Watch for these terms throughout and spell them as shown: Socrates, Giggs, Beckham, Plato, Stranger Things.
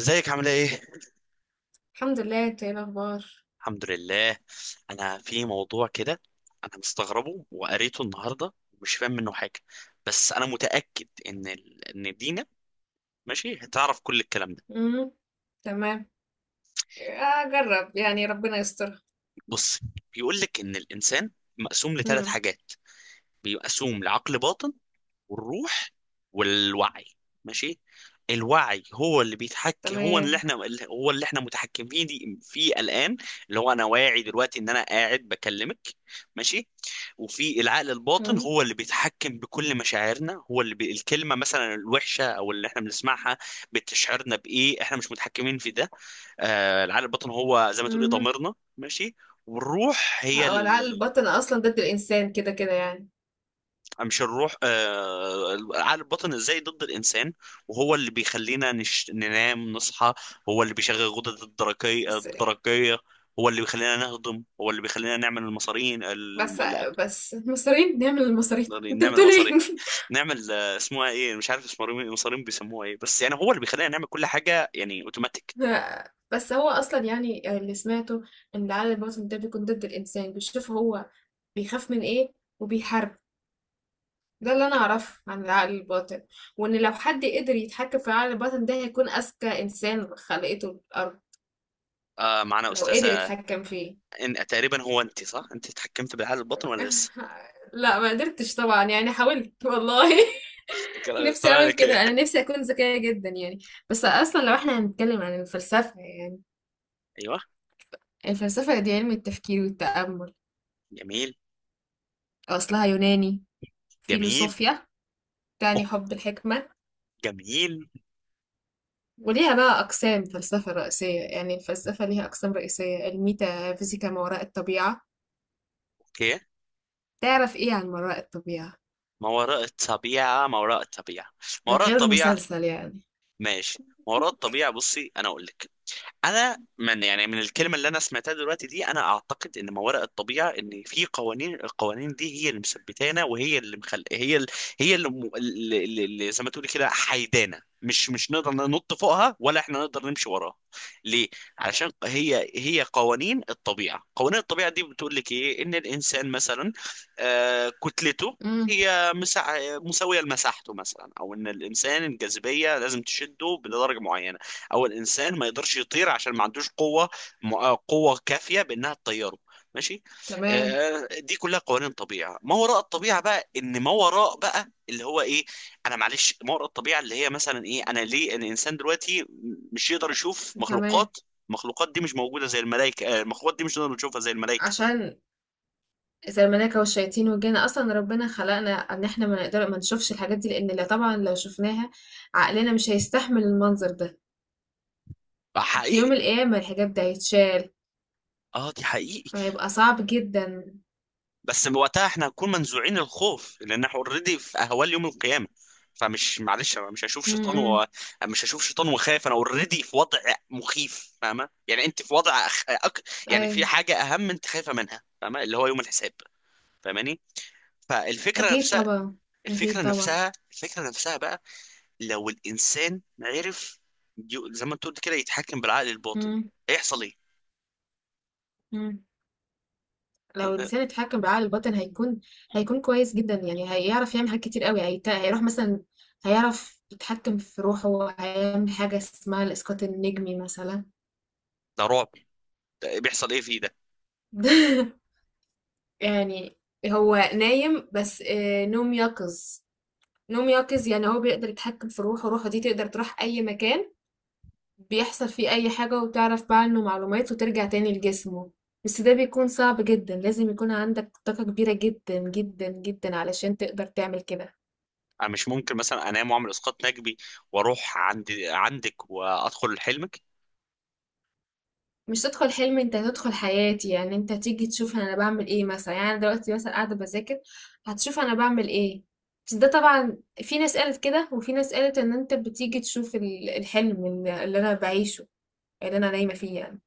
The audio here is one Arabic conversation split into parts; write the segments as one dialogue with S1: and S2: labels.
S1: ازيك عامله ايه؟
S2: الحمد لله، انت ايه الاخبار؟
S1: الحمد لله. انا في موضوع كده. انا مستغربه وقريته النهارده ومش فاهم منه حاجه. بس انا متاكد ان ان دينا ماشي هتعرف كل الكلام ده.
S2: امم تمام. اجرب يعني، ربنا يستر.
S1: بص، بيقول لك ان الانسان مقسوم لثلاث
S2: امم
S1: حاجات. بيقسوم لعقل باطن، والروح، والوعي. ماشي. الوعي هو اللي بيتحكم،
S2: تمام
S1: هو اللي احنا متحكمين فيه الان، اللي هو انا واعي دلوقتي ان انا قاعد بكلمك. ماشي. وفي العقل الباطن
S2: امم
S1: هو اللي بيتحكم بكل مشاعرنا، الكلمه مثلا الوحشه او اللي احنا بنسمعها بتشعرنا بايه، احنا مش متحكمين في ده. العقل الباطن هو زي ما تقولي
S2: امم
S1: ضميرنا. ماشي. والروح هي.
S2: هو العقل الباطن اصلا ضد الانسان كده كده يعني.
S1: مش الروح، العقل الباطن ازاي ضد الانسان؟ وهو اللي بيخلينا ننام نصحى. هو اللي بيشغل غدد الدرقية
S2: بس
S1: هو اللي بيخلينا نهضم، هو اللي بيخلينا نعمل المصارين
S2: بس
S1: لا،
S2: بس المصريين نعمل المصريين انت
S1: نعمل
S2: بتقول ايه؟
S1: مصارين. نعمل، اسمها ايه، مش عارف اسمها إيه، مصارين بيسموها ايه بس، يعني هو اللي بيخلينا نعمل كل حاجة يعني اوتوماتيك.
S2: بس هو اصلا يعني اللي سمعته ان العقل الباطن ده بيكون ضد الانسان، بيشوف هو بيخاف من ايه وبيحارب. ده اللي انا اعرفه عن العقل الباطن، وان لو حد قدر يتحكم في العقل الباطن ده هيكون اذكى انسان خلقته الارض.
S1: آه، معنا
S2: لو قدر
S1: استاذة.
S2: يتحكم فيه.
S1: تقريبا هو، انت صح، انت اتحكمت بالعقل الباطن ولا لسه؟
S2: لا ما قدرتش طبعا، يعني حاولت والله. نفسي
S1: طلع
S2: اعمل
S1: لك ايه؟
S2: كده، انا نفسي اكون ذكية جدا يعني. بس اصلا لو احنا هنتكلم عن الفلسفة يعني،
S1: ايوه.
S2: الفلسفة دي علم التفكير والتأمل.
S1: جميل.
S2: اصلها يوناني،
S1: جميل.
S2: فيلوصوفيا،
S1: أوه،
S2: تعني حب الحكمة.
S1: جميل.
S2: وليها بقى أقسام فلسفة رئيسية، يعني الفلسفة ليها أقسام رئيسية: الميتافيزيكا، ما وراء الطبيعة.
S1: اوكي.
S2: تعرف ايه عن مرائي الطبيعة
S1: ما وراء الطبيعة، ما وراء الطبيعة، ما وراء
S2: غير
S1: الطبيعة.
S2: المسلسل يعني؟
S1: ماشي. ما وراء الطبيعة، بصي أنا أقول لك. انا من، يعني من الكلمه اللي انا سمعتها دلوقتي دي، انا اعتقد ان ما وراء الطبيعه ان في قوانين. القوانين دي هي اللي مثبتانا، وهي اللي مخل... هي ال... هي اللي، م... اللي اللي زي ما تقولي كده، حيدانا، مش نقدر ننط فوقها ولا احنا نقدر نمشي وراها. ليه؟ علشان هي قوانين الطبيعه. قوانين الطبيعه دي بتقول لك ايه، ان الانسان مثلا، آه، كتلته
S2: امم
S1: هي مسا... مساويه لمساحته مثلا، او ان الانسان الجاذبيه لازم تشده لدرجه معينه، او الانسان ما يقدرش يطير عشان ما عندوش قوه، قوه كافيه بانها تطيره. ماشي.
S2: تمام.
S1: آه، دي كلها قوانين طبيعه. ما وراء الطبيعه بقى، ان ما وراء بقى اللي هو ايه. انا معلش، ما وراء الطبيعه اللي هي مثلا ايه، انا ليه ان الانسان دلوقتي مش يقدر يشوف
S2: تمام.
S1: مخلوقات. المخلوقات دي مش موجوده زي الملائكه، المخلوقات دي مش نقدر نشوفها زي الملائكه.
S2: عشان زي الملائكة والشياطين والجن، اصلا ربنا خلقنا ان احنا ما نقدر ما نشوفش الحاجات دي، لان لا طبعا لو شفناها عقلنا مش هيستحمل المنظر ده.
S1: آه،
S2: في
S1: حقيقي.
S2: يوم القيامة الحجاب ده هيتشال،
S1: اه دي حقيقي.
S2: فهيبقى صعب جدا.
S1: بس وقتها احنا هنكون منزوعين الخوف لان احنا اوريدي في اهوال يوم القيامه. فمش، معلش، انا مش هشوف شيطان
S2: امم
S1: مش هشوف شيطان وخايف، انا اوريدي في وضع مخيف، فاهمه؟ يعني انت في وضع يعني
S2: اي.
S1: في حاجه اهم انت خايفه منها، فاهمه، اللي هو يوم الحساب. فاهماني؟ فالفكره
S2: اكيد
S1: نفسها.
S2: طبعا. اكيد
S1: الفكره
S2: طبعا.
S1: نفسها، الفكره نفسها بقى، لو الانسان عرف، زي ما انت قلت كده، يتحكم بالعقل الباطن، هيحصل ايه؟
S2: امم لو الانسان اتحكم بعقل الباطن هيكون، هيكون كويس جدا يعني. هيعرف يعمل حاجات كتير قوي، هيروح مثلا، هيعرف يتحكم في روحه، هيعمل حاجة اسمها الإسقاط النجمي مثلا.
S1: ده رعب. ده إيه، بيحصل ايه فيه ده؟
S2: يعني هو نايم بس آه، نوم يقظ. نوم يقظ يعني هو بيقدر يتحكم في روحه، روحه دي تقدر تروح أي مكان، بيحصل فيه أي حاجة وتعرف بقى عنه معلومات وترجع تاني لجسمه. بس ده بيكون صعب جدا، لازم يكون عندك طاقة كبيرة جدا جدا جدا علشان تقدر تعمل كده.
S1: انا مش ممكن مثلا انام واعمل اسقاط نجبي واروح عندك وادخل حلمك؟
S2: مش تدخل حلم، انت تدخل حياتي، يعني انت تيجي تشوف انا بعمل ايه مثلا. يعني انا دلوقتي مثلا قاعده بذاكر، هتشوف انا بعمل ايه. بس ده طبعا، في ناس قالت كده وفي ناس قالت ان انت بتيجي تشوف الحلم اللي انا بعيشه، اللي انا نايمه فيه يعني.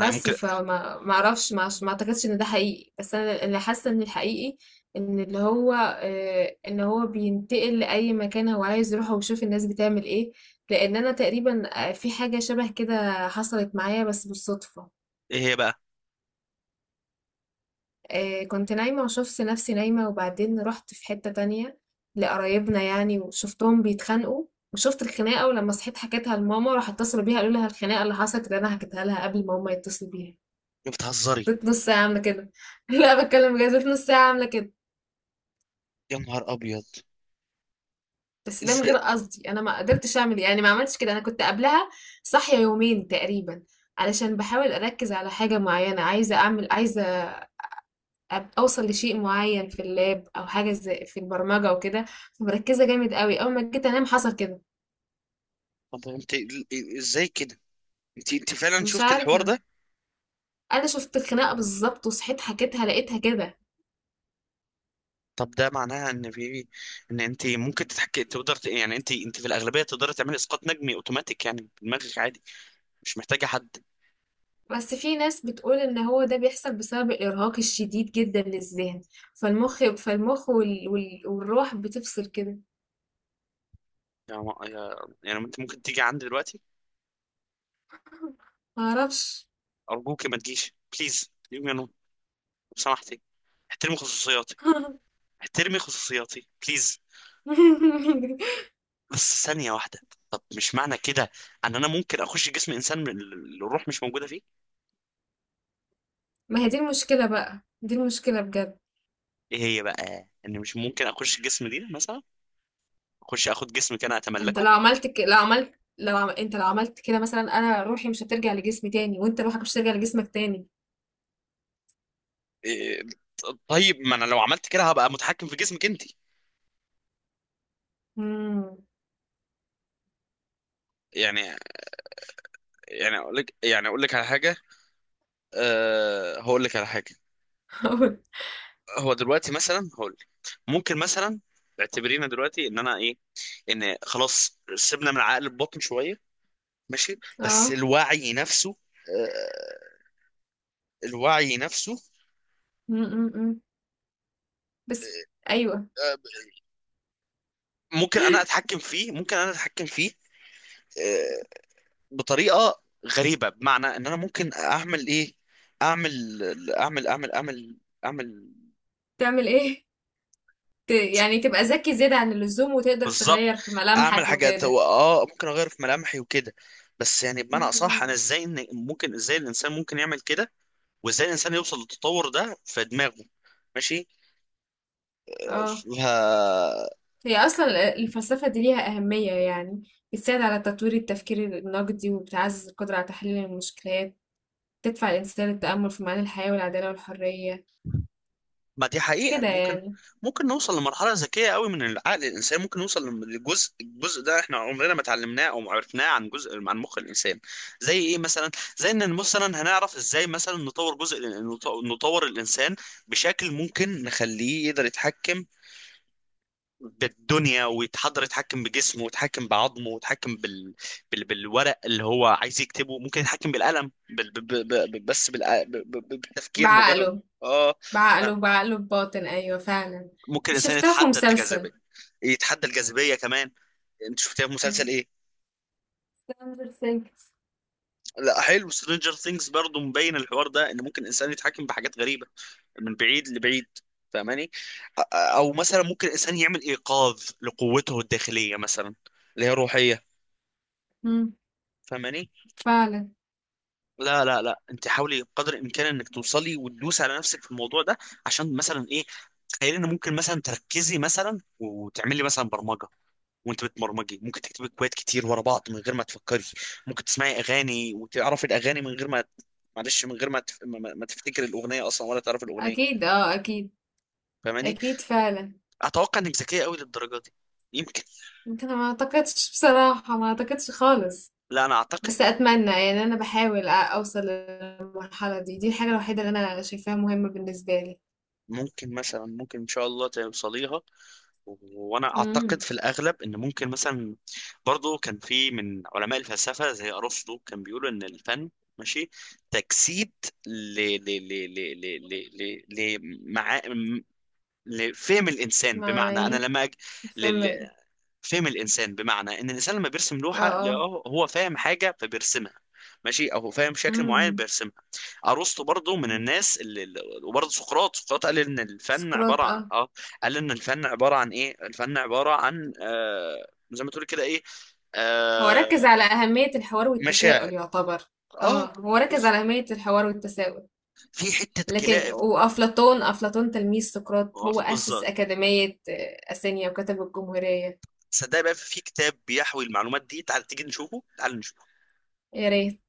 S1: انا ممكن.
S2: فما ما اعرفش ما ما اعتقدش ان ده حقيقي. بس انا اللي حاسه ان الحقيقي ان اللي هو آه، ان هو بينتقل لاي مكان هو عايز يروحه ويشوف الناس بتعمل ايه. لان انا تقريبا آه، في حاجه شبه كده حصلت معايا بس بالصدفه.
S1: ايه هي بقى؟
S2: آه، كنت نايمة وشفت نفسي نايمة وبعدين رحت في حتة تانية، لقرايبنا يعني، وشفتهم بيتخانقوا. وشفت الخناقة ولما صحيت حكيتها لماما، راح اتصلوا بيها قالوا لها الخناقة اللي حصلت اللي أنا حكيتها لها قبل ما هما يتصلوا بيها.
S1: انت بتهزري؟
S2: فضلت نص ساعة عاملة كده. لا بتكلم بجد، فضلت نص ساعة عاملة كده.
S1: يا نهار ابيض.
S2: بس ده من
S1: ازاي؟
S2: غير قصدي، أنا ما قدرتش أعمل إيه. يعني ما عملتش كده، أنا كنت قبلها صاحية يومين تقريبا، علشان بحاول أركز على حاجة معينة، عايزة أعمل، عايزة اوصل لشيء معين في اللاب او حاجه زي في البرمجه وكده. مركزه جامد قوي، اول ما جيت انام حصل كده.
S1: طب انت ازاي كده، انت فعلا
S2: مش
S1: شفت الحوار
S2: عارفه.
S1: ده؟
S2: انا شفت الخناقه بالظبط وصحيت حكيتها لقيتها كده.
S1: طب ده معناها ان في، ان انت ممكن تتحكي، تقدر يعني انت في الاغلبيه تقدري تعملي اسقاط نجمي اوتوماتيك يعني، بدماغك عادي، مش محتاجه حد.
S2: بس في ناس بتقول ان هو ده بيحصل بسبب الارهاق الشديد جدا للذهن، فالمخ والروح بتفصل كده.
S1: يعني يعني انت ممكن تيجي عندي دلوقتي؟
S2: معرفش.
S1: ارجوك ما تجيش، بليز، يو نو، لو سمحتي احترمي خصوصياتي. احترمي خصوصياتي بليز. بس ثانية واحدة. طب مش معنى كده ان انا ممكن اخش جسم انسان من الروح مش موجودة فيه؟
S2: ما هي دي المشكله بقى، دي المشكله بجد.
S1: ايه هي بقى؟ ان مش ممكن اخش جسم دي مثلا، اخش اخد جسمك انا
S2: انت
S1: اتملكه.
S2: لو عملت ك... لو عملت لو عم... انت لو عملت كده مثلا، انا روحي مش هترجع لجسمي تاني، وانت روحك مش هترجع لجسمك تاني.
S1: إيه؟ طيب ما انا لو عملت كده هبقى متحكم في جسمك انت.
S2: امم
S1: يعني، يعني اقول لك على حاجة. أه، هقول لك على حاجة. هو دلوقتي مثلا، هقول لك، ممكن مثلا اعتبرينا دلوقتي ان انا ايه، ان خلاص سيبنا من عقل الباطن شوية. ماشي. بس
S2: اه.
S1: الوعي نفسه، آه، الوعي نفسه
S2: امم بس ايوه.
S1: ممكن انا اتحكم فيه، آه، بطريقه غريبه، بمعنى ان انا ممكن اعمل ايه. اعمل اعمل اعمل اعمل اعمل.
S2: تعمل ايه؟ يعني تبقى ذكي زيادة عن اللزوم وتقدر
S1: بالظبط.
S2: تغير في
S1: اعمل
S2: ملامحك
S1: حاجات،
S2: وكده.
S1: هو اه ممكن اغير في ملامحي وكده. بس يعني بمعنى اصح، انا
S2: امم
S1: ازاي، إن ممكن ازاي الانسان ممكن يعمل كده؟ وازاي الانسان يوصل للتطور ده في دماغه؟ ماشي.
S2: اه.
S1: ف
S2: هي اصلا الفلسفة دي ليها أهمية يعني، بتساعد على تطوير التفكير النقدي وبتعزز القدرة على تحليل المشكلات، تدفع الإنسان للتأمل في معاني الحياة والعدالة والحرية
S1: ما دي حقيقة.
S2: كده
S1: ممكن،
S2: يعني.
S1: ممكن نوصل لمرحلة ذكية قوي من العقل. الإنسان ممكن نوصل للجزء، الجزء ده احنا عمرنا ما اتعلمناه أو ما عرفناه، عن جزء عن مخ الإنسان. زي إيه مثلا؟ زي إن مثلا هنعرف إزاي مثلا نطور جزء، نطور الإنسان بشكل ممكن نخليه يقدر يتحكم بالدنيا ويتحضر، يتحكم بجسمه ويتحكم بعظمه ويتحكم بالورق اللي هو عايز يكتبه، ممكن يتحكم بالقلم، بال... ب... ب... ب... بس بالتفكير مجرد.
S2: بعقله
S1: اه،
S2: بعقله بعقله بباطن، أيوة فعلا.
S1: ممكن
S2: دي
S1: الانسان
S2: شفتها في
S1: يتحدى الجاذبيه،
S2: مسلسل
S1: يتحدى الجاذبيه كمان. انت شفتها في مسلسل ايه؟
S2: ستراندر ثينكس.
S1: لا حلو، سترينجر ثينجز. برضه مبين الحوار ده ان ممكن الانسان يتحكم بحاجات غريبه من بعيد لبعيد، فاهماني؟ او مثلا ممكن الانسان يعمل ايقاظ لقوته الداخليه مثلا، اللي هي روحيه، فاهماني؟
S2: فعلا.
S1: لا لا لا، انت حاولي قدر الامكان انك توصلي وتدوسي على نفسك في الموضوع ده، عشان مثلا ايه، تخيلي ان ممكن مثلا تركزي مثلا وتعملي مثلا برمجه، وانت بتبرمجي ممكن تكتبي كويت كتير ورا بعض من غير ما تفكري. ممكن تسمعي اغاني وتعرفي الاغاني من غير ما، معلش، من غير ما تفتكري الاغنيه اصلا ولا تعرفي الاغنيه،
S2: أكيد، اه أكيد.
S1: فاهماني؟
S2: أكيد فعلا.
S1: اتوقع انك ذكيه قوي للدرجه دي. يمكن.
S2: ممكن. أنا ما أعتقدش بصراحة، ما أعتقدش خالص،
S1: لا انا اعتقد.
S2: بس أتمنى يعني. أنا بحاول أوصل للمرحلة دي، دي الحاجة الوحيدة اللي أنا شايفاها مهمة بالنسبة لي.
S1: ممكن مثلا، ممكن ان شاء الله توصليها. و- وانا اعتقد
S2: امم
S1: في الاغلب ان ممكن مثلا. برضو كان في من علماء الفلسفه زي ارسطو كان بيقولوا ان الفن، ماشي، تجسيد ل ل ل ل ل ل ل لمعا- لفهم الانسان،
S2: ما
S1: بمعنى انا
S2: يعني
S1: لما أج... ل... ل...
S2: الفيلم.
S1: فهم الانسان. بمعنى ان الانسان لما بيرسم
S2: اه
S1: لوحه، لا،
S2: اه.
S1: هو فاهم حاجه فبيرسمها. ماشي. او هو فاهم شكل معين
S2: امم
S1: بيرسمها. ارسطو برضو من الناس وبرضو سقراط، قال ان الفن
S2: سقراط،
S1: عباره عن،
S2: اه،
S1: ايه، الفن عباره عن، زي ما تقول كده ايه،
S2: هو
S1: آه...
S2: ركز على أهمية الحوار
S1: مشاعر.
S2: والتساؤل، يعتبر.
S1: اه،
S2: اه هو ركز على
S1: بالظبط.
S2: أهمية الحوار والتساؤل.
S1: في حته
S2: لكن
S1: كلاب.
S2: وأفلاطون، أفلاطون تلميذ سقراط،
S1: آه،
S2: هو أسس
S1: بالظبط.
S2: أكاديمية آه، أثينا وكتب الجمهورية.
S1: صدق بقى، في كتاب بيحوي المعلومات دي، تعال تيجي نشوفه، تعال نشوف.
S2: يا ريت.